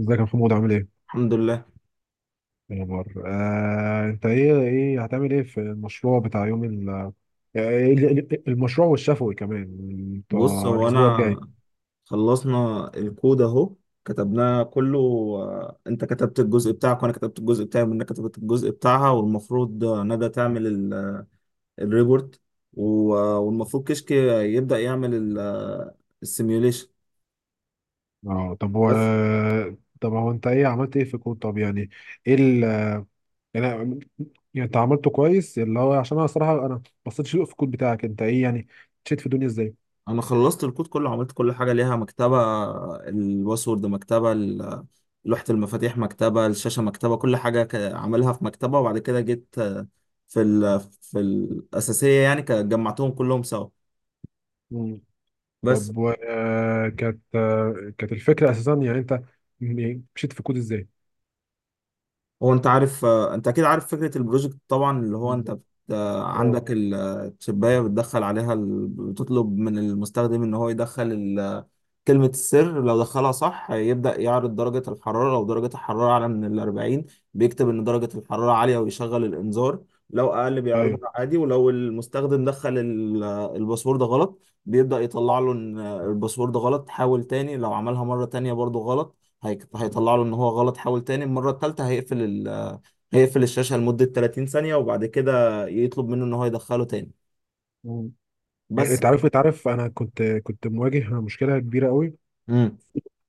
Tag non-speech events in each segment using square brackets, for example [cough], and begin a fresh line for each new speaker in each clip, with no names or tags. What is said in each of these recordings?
ازيك يا محمود عامل ايه؟
الحمد لله.
ايه الاخبار؟ انت ايه هتعمل ايه في المشروع بتاع يوم ال آه، ايه ال- ال- المشروع والشفوي كمان
بص،
بتاع
هو
الاسبوع
انا
الجاي؟
خلصنا الكود اهو، كتبناه كله. انت كتبت الجزء بتاعك وانا كتبت الجزء بتاعي ومنى كتبت الجزء بتاعها، والمفروض ندى تعمل الريبورت والمفروض كشك يبدأ يعمل السيميوليشن.
اه طب هو طب هو انت عملت ايه في الكود؟ طب يعني ايه ال يعني يعني انت عملته كويس، اللي هو، عشان الصراحه انا بصيت في الكود بتاعك، انت ايه يعني مشيت في الدنيا ازاي؟
انا خلصت الكود كله، عملت كل حاجه ليها مكتبه. الباسورد مكتبه، لوحه المفاتيح مكتبه، الشاشه مكتبه، كل حاجه عاملها في مكتبه، وبعد كده جيت في الاساسيه يعني جمعتهم كلهم سوا
مم.
بس.
طب، كانت الفكره اساسا، يعني انت مشيت في الكود ازاي؟
هو انت عارف، انت اكيد عارف فكره البروجكت طبعا، اللي هو انت
بالظبط. اه،
عندك الشبايه بتدخل عليها، بتطلب من المستخدم ان هو يدخل كلمة السر، لو دخلها صح يبدأ يعرض درجة الحرارة. لو درجة الحرارة أعلى من 40 بيكتب إن درجة الحرارة عالية ويشغل الإنذار، لو أقل
ايوه.
بيعرضها عادي. ولو المستخدم دخل الباسورد غلط بيبدأ يطلع له إن الباسورد غلط، حاول تاني. لو عملها مرة تانية برضه غلط هيطلع له إن هو غلط، حاول تاني. المرة التالتة هيقفل الشاشة لمدة 30 ثانية، وبعد كده يطلب منه إن هو يدخله تاني بس.
انت عارف، انا كنت مواجه مشكله كبيره قوي
امم.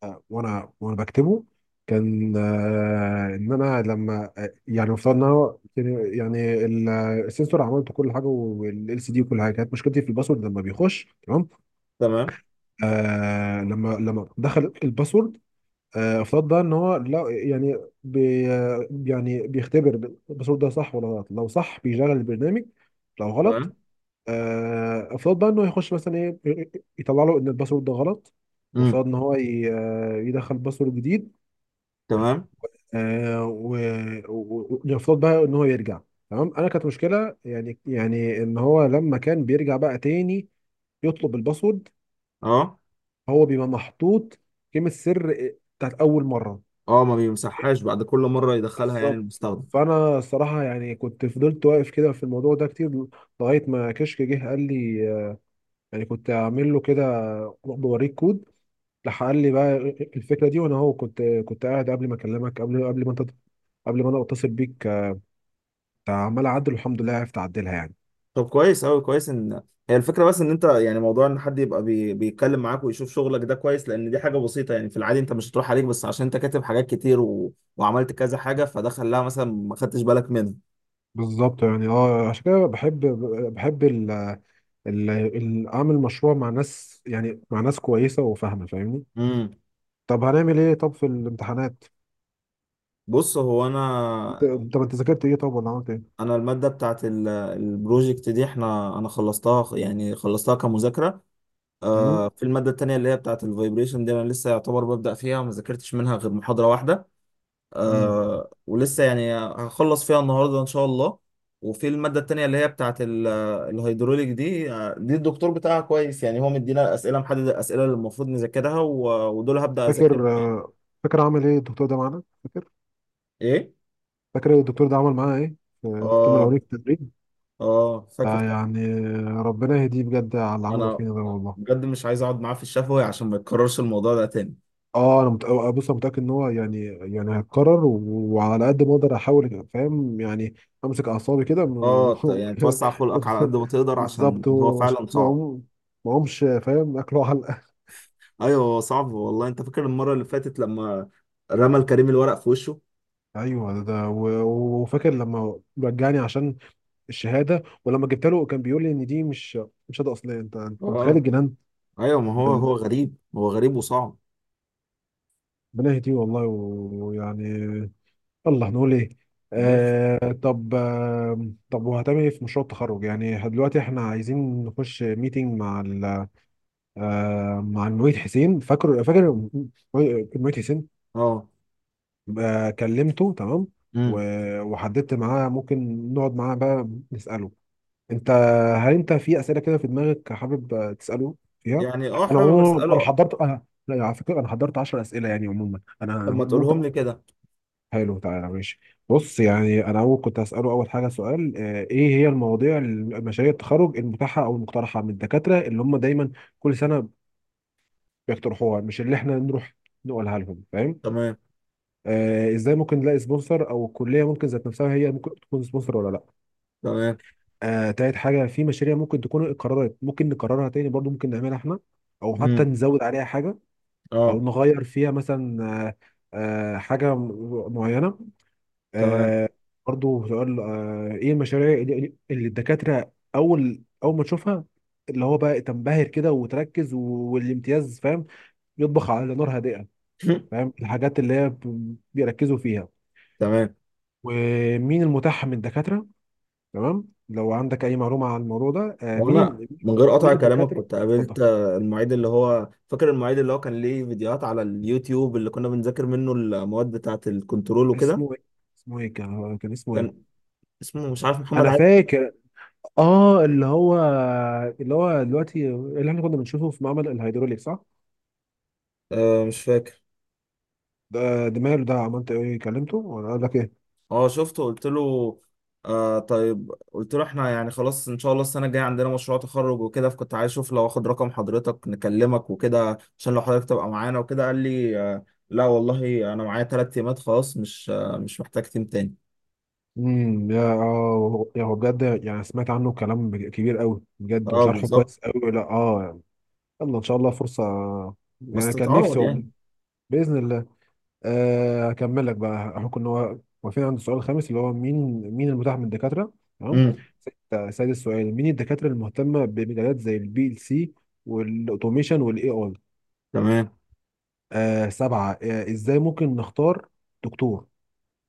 آه، وانا وانا بكتبه، كان، ان انا لما، يعني مفترض ان هو السنسور، عملت كل حاجه والال سي دي وكل حاجه، كانت مشكلتي في الباسورد لما بيخش تمام.
تمام.
لما دخل الباسورد، افترض بقى ان هو لا، يعني بي آه، يعني بيختبر الباسورد ده صح ولا غلط. لو صح بيشغل البرنامج، لو غلط
تمام.
آه، افترض بقى انه يخش مثلا ايه إيه، إيه، يطلع له ان الباسورد ده غلط. وافترض
امم.
ان هو يدخل باسورد جديد،
تمام.
ويفترض بقى ان هو يرجع. تمام. كانت مشكله، يعني ان هو لما كان بيرجع بقى تاني يطلب الباسورد،
أه.
هو بيبقى محطوط كلمه سر، بتاعت اول مره.
اه، ما بيمسحهاش بعد كل مره يدخلها يعني
بالظبط.
المستخدم.
فانا الصراحه يعني، كنت فضلت واقف كده في الموضوع ده كتير، لغايه ما كشك جه قال لي، يعني كنت اعمل له كده بوريك كود. راح قال لي بقى الفكره دي. وانا كنت قاعد قبل ما اكلمك، قبل ما انت قبل ما انا اتصل بيك، عمال اعدل، والحمد لله عرفت اعدلها يعني.
طب كويس اوي، كويس ان هي الفكره. بس ان انت يعني موضوع ان حد يبقى بيتكلم معاك ويشوف شغلك ده كويس، لان دي حاجه بسيطه يعني. في العادي انت مش هتروح عليك بس عشان انت كاتب حاجات كتير وعملت كذا حاجه، فده خلاها مثلا ما خدتش بالك منها.
بالظبط. يعني اه، عشان كده بحب اعمل مشروع مع ناس، يعني مع ناس كويسه وفاهمه، فاهمني.
امم.
طب، هنعمل ايه في الامتحانات؟
بص، هو
انت،
انا
انت ذاكرت ايه، طب، ولا عملت ايه؟
انا الماده بتاعت البروجكت دي احنا، انا خلصتها يعني، خلصتها كمذاكره.
مم؟
آه، في الماده التانية اللي هي بتاعت الفايبريشن دي انا لسه يعتبر ببدا فيها، ما ذاكرتش منها غير محاضره واحده.
مم.
آه، ولسه يعني هخلص فيها النهارده ان شاء الله. وفي الماده التانيه اللي هي بتاعه الهيدروليك دي، دي الدكتور بتاعها كويس يعني، هو مدينا اسئله، محدد الاسئله اللي المفروض نذاكرها، ودول هبدا اذاكرهم.
فاكر؟ فاكر عمل ايه الدكتور ده معانا؟ فاكر،
ايه؟
الدكتور ده عمل معانا ايه في الترم
اه.
الاولاني في التدريب؟
اه، فاكر طبعا.
يعني ربنا يهديه بجد على اللي عمله
انا
فينا ده والله.
بجد مش عايز اقعد معاه في الشفوي عشان ما يتكررش الموضوع ده تاني.
اه انا مت... آه، بص، انا متاكد ان هو، يعني هيتكرر و- وعلى قد ما اقدر احاول، فاهم يعني، امسك اعصابي كده
اه،
و-
يعني توسع
[laughs]
خلقك على قد ما تقدر عشان
بالظبط،
هو
هو عشان
فعلا صعب.
ما اقومش فاهم اكله علقه.
ايوه، هو صعب والله. انت فاكر المره اللي فاتت لما رمى الكريم الورق في وشه؟
ايوه، وفاكر لما رجعني عشان الشهاده، ولما جبت له كان بيقول لي ان دي مش شهاده اصليه. انت متخيل
اه،
الجنان؟
ايوه. ما هو هو
ده-
غريب، هو غريب وصعب.
ربنا يهديه والله، ويعني الله، نقول ايه.
بس.
طب، طب، وهتعمل ايه في مشروع التخرج؟ يعني دلوقتي احنا عايزين نخش ميتنج مع ال آه مع المعيد حسين. فاكر، المعيد حسين؟
اه.
كلمته تمام
امم.
و- وحددت معاه ممكن نقعد معاه بقى نسأله. انت، هل انت في أسئلة كده في دماغك حابب، تسأله فيها؟
يعني اه،
انا
حابب
عموما، انا
اساله.
حضرت انا لا، على فكرة انا حضرت 10 أسئلة، يعني عموما انا
طب ما
ممكن.
تقولهم لي كده.
حلو، تعالى، ماشي. بص، يعني انا اول كنت هساله، اول حاجه سؤال: ايه هي المواضيع المشاريع التخرج المتاحه او المقترحه من الدكاتره اللي هم دايما كل سنه بيقترحوها، مش اللي احنا نروح نقولها لهم، فاهم.
تمام.
ازاي ممكن نلاقي سبونسر، او الكليه ممكن ذات نفسها هي ممكن تكون سبونسر ولا لا؟
تمام.
تالت حاجه، في مشاريع ممكن تكون قررت ممكن نكررها تاني برضو ممكن نعملها احنا، او حتى
امم.
نزود عليها حاجه، او
اه.
نغير فيها مثلا، معينه
تمام.
آه برضه سؤال: ايه المشاريع اللي الدكاترة اول ما تشوفها، اللي هو بقى تنبهر كده وتركز، والامتياز، فاهم، يطبخ على نار هادئة.
[laughs]
فاهم الحاجات اللي هي بيركزوا فيها،
تمام.
ومين المتاح من الدكاترة. تمام. لو عندك اي معلومة عن الموضوع ده،
هو انا
مين،
من غير قطع كلامك
الدكاترة،
كنت
اتفضل.
قابلت المعيد، اللي هو فاكر المعيد اللي هو كان ليه فيديوهات على اليوتيوب اللي كنا بنذاكر منه المواد بتاعه الكنترول وكده.
اسمه ايه؟ كان، اسمه ايه؟
كان اسمه مش عارف، محمد
انا
عادل.
فاكر. اه اللي هو، دلوقتي اللي احنا كنا بنشوفه في معمل الهيدروليك، صح؟
آه، مش فاكر.
ده ماله؟ ده عملت ايه، كلمته ولا قال لك ايه؟
اه، شفته، قلت له آه طيب، قلت له احنا يعني خلاص ان شاء الله السنه الجايه عندنا مشروع تخرج وكده، فكنت عايز اشوف لو اخد رقم حضرتك نكلمك وكده، عشان لو حضرتك تبقى معانا وكده. قال لي لا والله انا معايا ثلاث تيمات، خلاص مش محتاج تيم تاني.
يا اه يا هو بجد، يعني سمعت عنه كلام كبير قوي بجد،
اه،
وشرحه
بالظبط.
كويس قوي، لا اه يعني. يلا ان شاء الله فرصه،
بس
يعني كان نفسي
تتعوض
والله.
يعني.
باذن الله. هكمل لك بقى. احنا كنا واقفين عند السؤال الخامس اللي هو مين، المتاح من الدكاتره. تمام.
امم.
سادس سؤال: مين الدكاتره المهتمه بمجالات زي PLC والاوتوميشن والاي اي؟
تمام.
سبعه: ازاي ممكن نختار دكتور،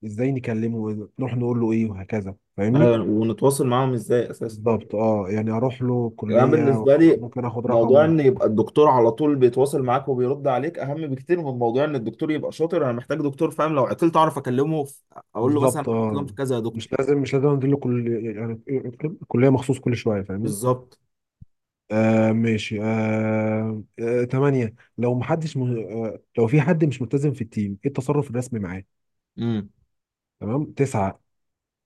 ازاي نكلمه، نروح نقول له ايه وهكذا، فاهمني.
ايوه، ونتواصل معاهم ازاي اساسا؟
بالظبط، اه، يعني اروح له
يعني أنا
كلية ولا
بالنسبه لي
ممكن اخد
موضوع
رقمه؟
ان يبقى الدكتور على طول بيتواصل معاك وبيرد عليك اهم بكتير من موضوع ان الدكتور يبقى شاطر. انا محتاج دكتور فاهم، لو عطلت اعرف اكلمه في... اقول له مثلا
بالظبط،
عطلان
اه.
في كذا يا دكتور.
مش لازم انزل له كل، يعني كلية مخصوص، كل شوية، فاهمني.
بالظبط.
ماشي. تمانية: لو محدش م... آه لو في حد مش ملتزم في التيم، ايه التصرف الرسمي معاه؟
امم.
تمام. تسعة: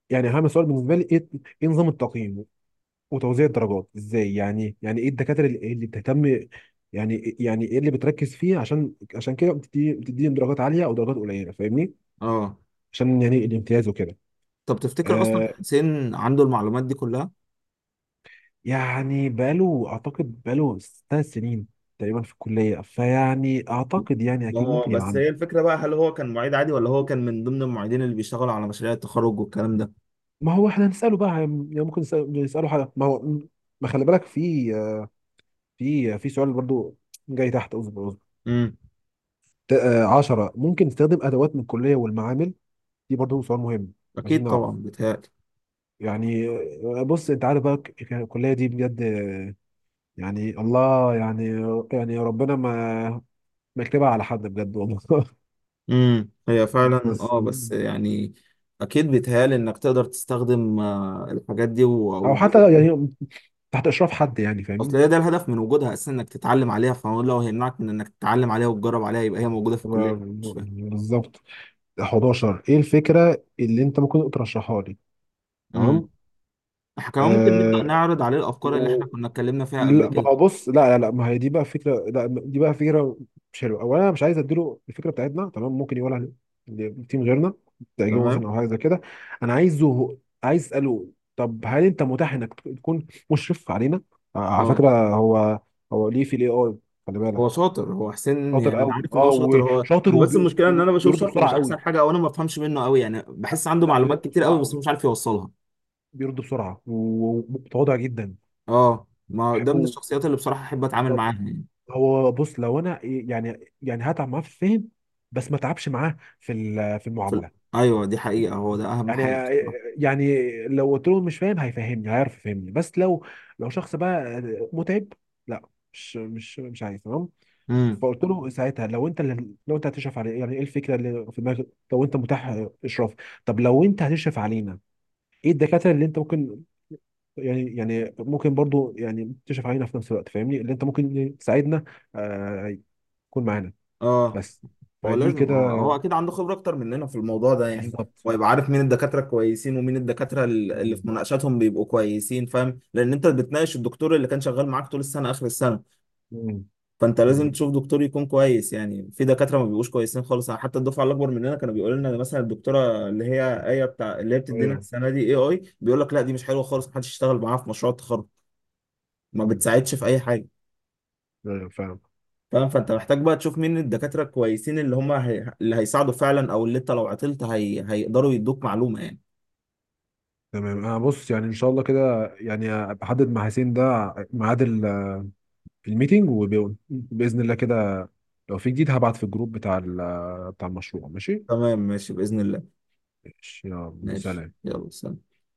يعني اهم سؤال بالنسبة لي ايه، نظام التقييم وتوزيع الدرجات ازاي. يعني ايه الدكاتره اللي بتهتم، يعني ايه اللي بتركز فيه، عشان كده بتدي، بتديهم درجات عاليه او درجات قليله، فاهمني.
اه،
عشان يعني الامتياز وكده.
طب تفتكر اصلا
آه
حسين عنده المعلومات دي كلها؟
يعني بقاله، اعتقد بقاله 3 سنين تقريبا في الكليه، فيعني اعتقد يعني
ما
اكيد
هو
ممكن يبقى
بس
عنده.
هي الفكره بقى، هل هو كان معيد عادي ولا هو كان من ضمن المعيدين اللي بيشتغلوا على مشاريع التخرج والكلام ده.
ما هو احنا هنساله بقى، يعني ممكن نساله حاجه. ما هو ما خلي بالك، في، في سؤال برضو جاي تحت، اصبر اصبر.
امم.
10، ممكن تستخدم ادوات من الكليه والمعامل؟ دي برضه سؤال مهم، عايزين
اكيد
نعرف
طبعا بيتهيألي.
يعني. بص، انت عارف بقى، الكليه دي بجد، يعني الله يعني، ربنا ما يكتبها على حد بجد والله. [laughs]
امم. هي فعلا
بس،
اه، بس يعني اكيد بيتهيألي انك تقدر تستخدم الحاجات دي
او
وتجرب
حتى
فيها.
يعني تحت اشراف حد يعني،
اصل
فاهمني.
هي ده الهدف من وجودها اساسا، انك تتعلم عليها. فهو لو هيمنعك من انك تتعلم عليها وتجرب عليها، يبقى هي موجوده في الكليه مش فاهم.
بالظبط. 11: ايه الفكره اللي انت ممكن ترشحها لي؟
امم.
تمام.
احنا كمان ممكن
آه
نبدا نعرض عليه الافكار اللي احنا كنا اتكلمنا فيها قبل
لا، ما
كده.
هو بص، لا لا لا، ما هي دي بقى فكره، لا دي بقى فكره مش حلوه. اولا انا مش عايز اديله الفكره بتاعتنا، تمام. ممكن يقولها لتيم غيرنا، تعجبه مثلا،
تمام.
او حاجه زي كده. انا عايز اساله: طب هل انت متاح انك تكون مشرف علينا؟ على
اه.
فكره هو، ليه في AI، خلي
هو
بالك.
شاطر هو حسين يعني،
شاطر
انا
قوي،
عارف ان هو
اه،
شاطر. هو
وشاطر،
هو بس المشكله ان انا بشوف
وبيرد
شرحه
بسرعه
مش احسن
قوي.
حاجه، او انا ما بفهمش منه قوي يعني، بحس عنده
لا، بيرد
معلومات كتير
بسرعه
قوي بس
قوي،
مش عارف يوصلها.
بيرد بسرعه ومتواضع جدا،
اه، ما ده من
بحبه.
الشخصيات اللي بصراحة احب اتعامل معاها
بالظبط.
يعني.
هو بص، لو انا، يعني هتعب معاه في الفهم، بس ما تعبش معاه في في
في ال-
المعامله.
ايوه، دي حقيقة، هو ده اهم
يعني
حاجة بصراحة.
يعني لو قلت له مش فاهم هيفهمني، هيعرف يفهمني. بس لو شخص بقى متعب، لا، مش عايز، تمام.
امم.
فقلت له ساعتها، لو انت هتشرف علي، يعني ايه الفكره اللي في دماغك لو انت متاح اشراف؟ طب لو انت هتشرف علينا، ايه الدكاتره اللي انت ممكن، يعني ممكن برضو يعني تشرف علينا في نفس الوقت، فاهمني، اللي انت ممكن تساعدنا، آه، يكون معانا
اه،
بس.
هو
فدي
لازم،
كده.
هو هو اكيد عنده خبرة اكتر مننا في الموضوع ده يعني،
بالظبط
ويبقى عارف مين الدكاترة كويسين ومين الدكاترة اللي في
بالظبط
مناقشاتهم بيبقوا كويسين، فاهم؟ لان انت بتناقش الدكتور اللي كان شغال معاك طول السنة اخر السنة.
مم.
فانت لازم
بالظبط،
تشوف دكتور يكون كويس يعني، في دكاترة ما بيبقوش كويسين خالص يعني. حتى الدفعة الاكبر مننا كانوا بيقولوا لنا مثلا الدكتورة اللي هي ايه بتاع، اللي هي بتدينا
ايوه.
السنة دي AI، بيقول لك لا دي مش حلوة خالص، محدش يشتغل معاها في مشروع التخرج. ما
مم.
بتساعدش في اي حاجه،
ايوه، فاهم.
فاهم؟ فانت محتاج بقى تشوف مين الدكاتره الكويسين، اللي هم اللي هيساعدوا فعلا، او اللي انت لو عطلت هيقدروا يدوك معلومه يعني.
تمام، انا بص، يعني ان شاء الله كده، يعني أبقى احدد مع حسين ده ميعاد الميتنج، وباذن الله كده، لو في جديد هبعت في الجروب بتاع بتاع المشروع، ماشي.
تمام، ماشي باذن الله.
ماشي يلا
ماشي،
سلام.
يلا سلام.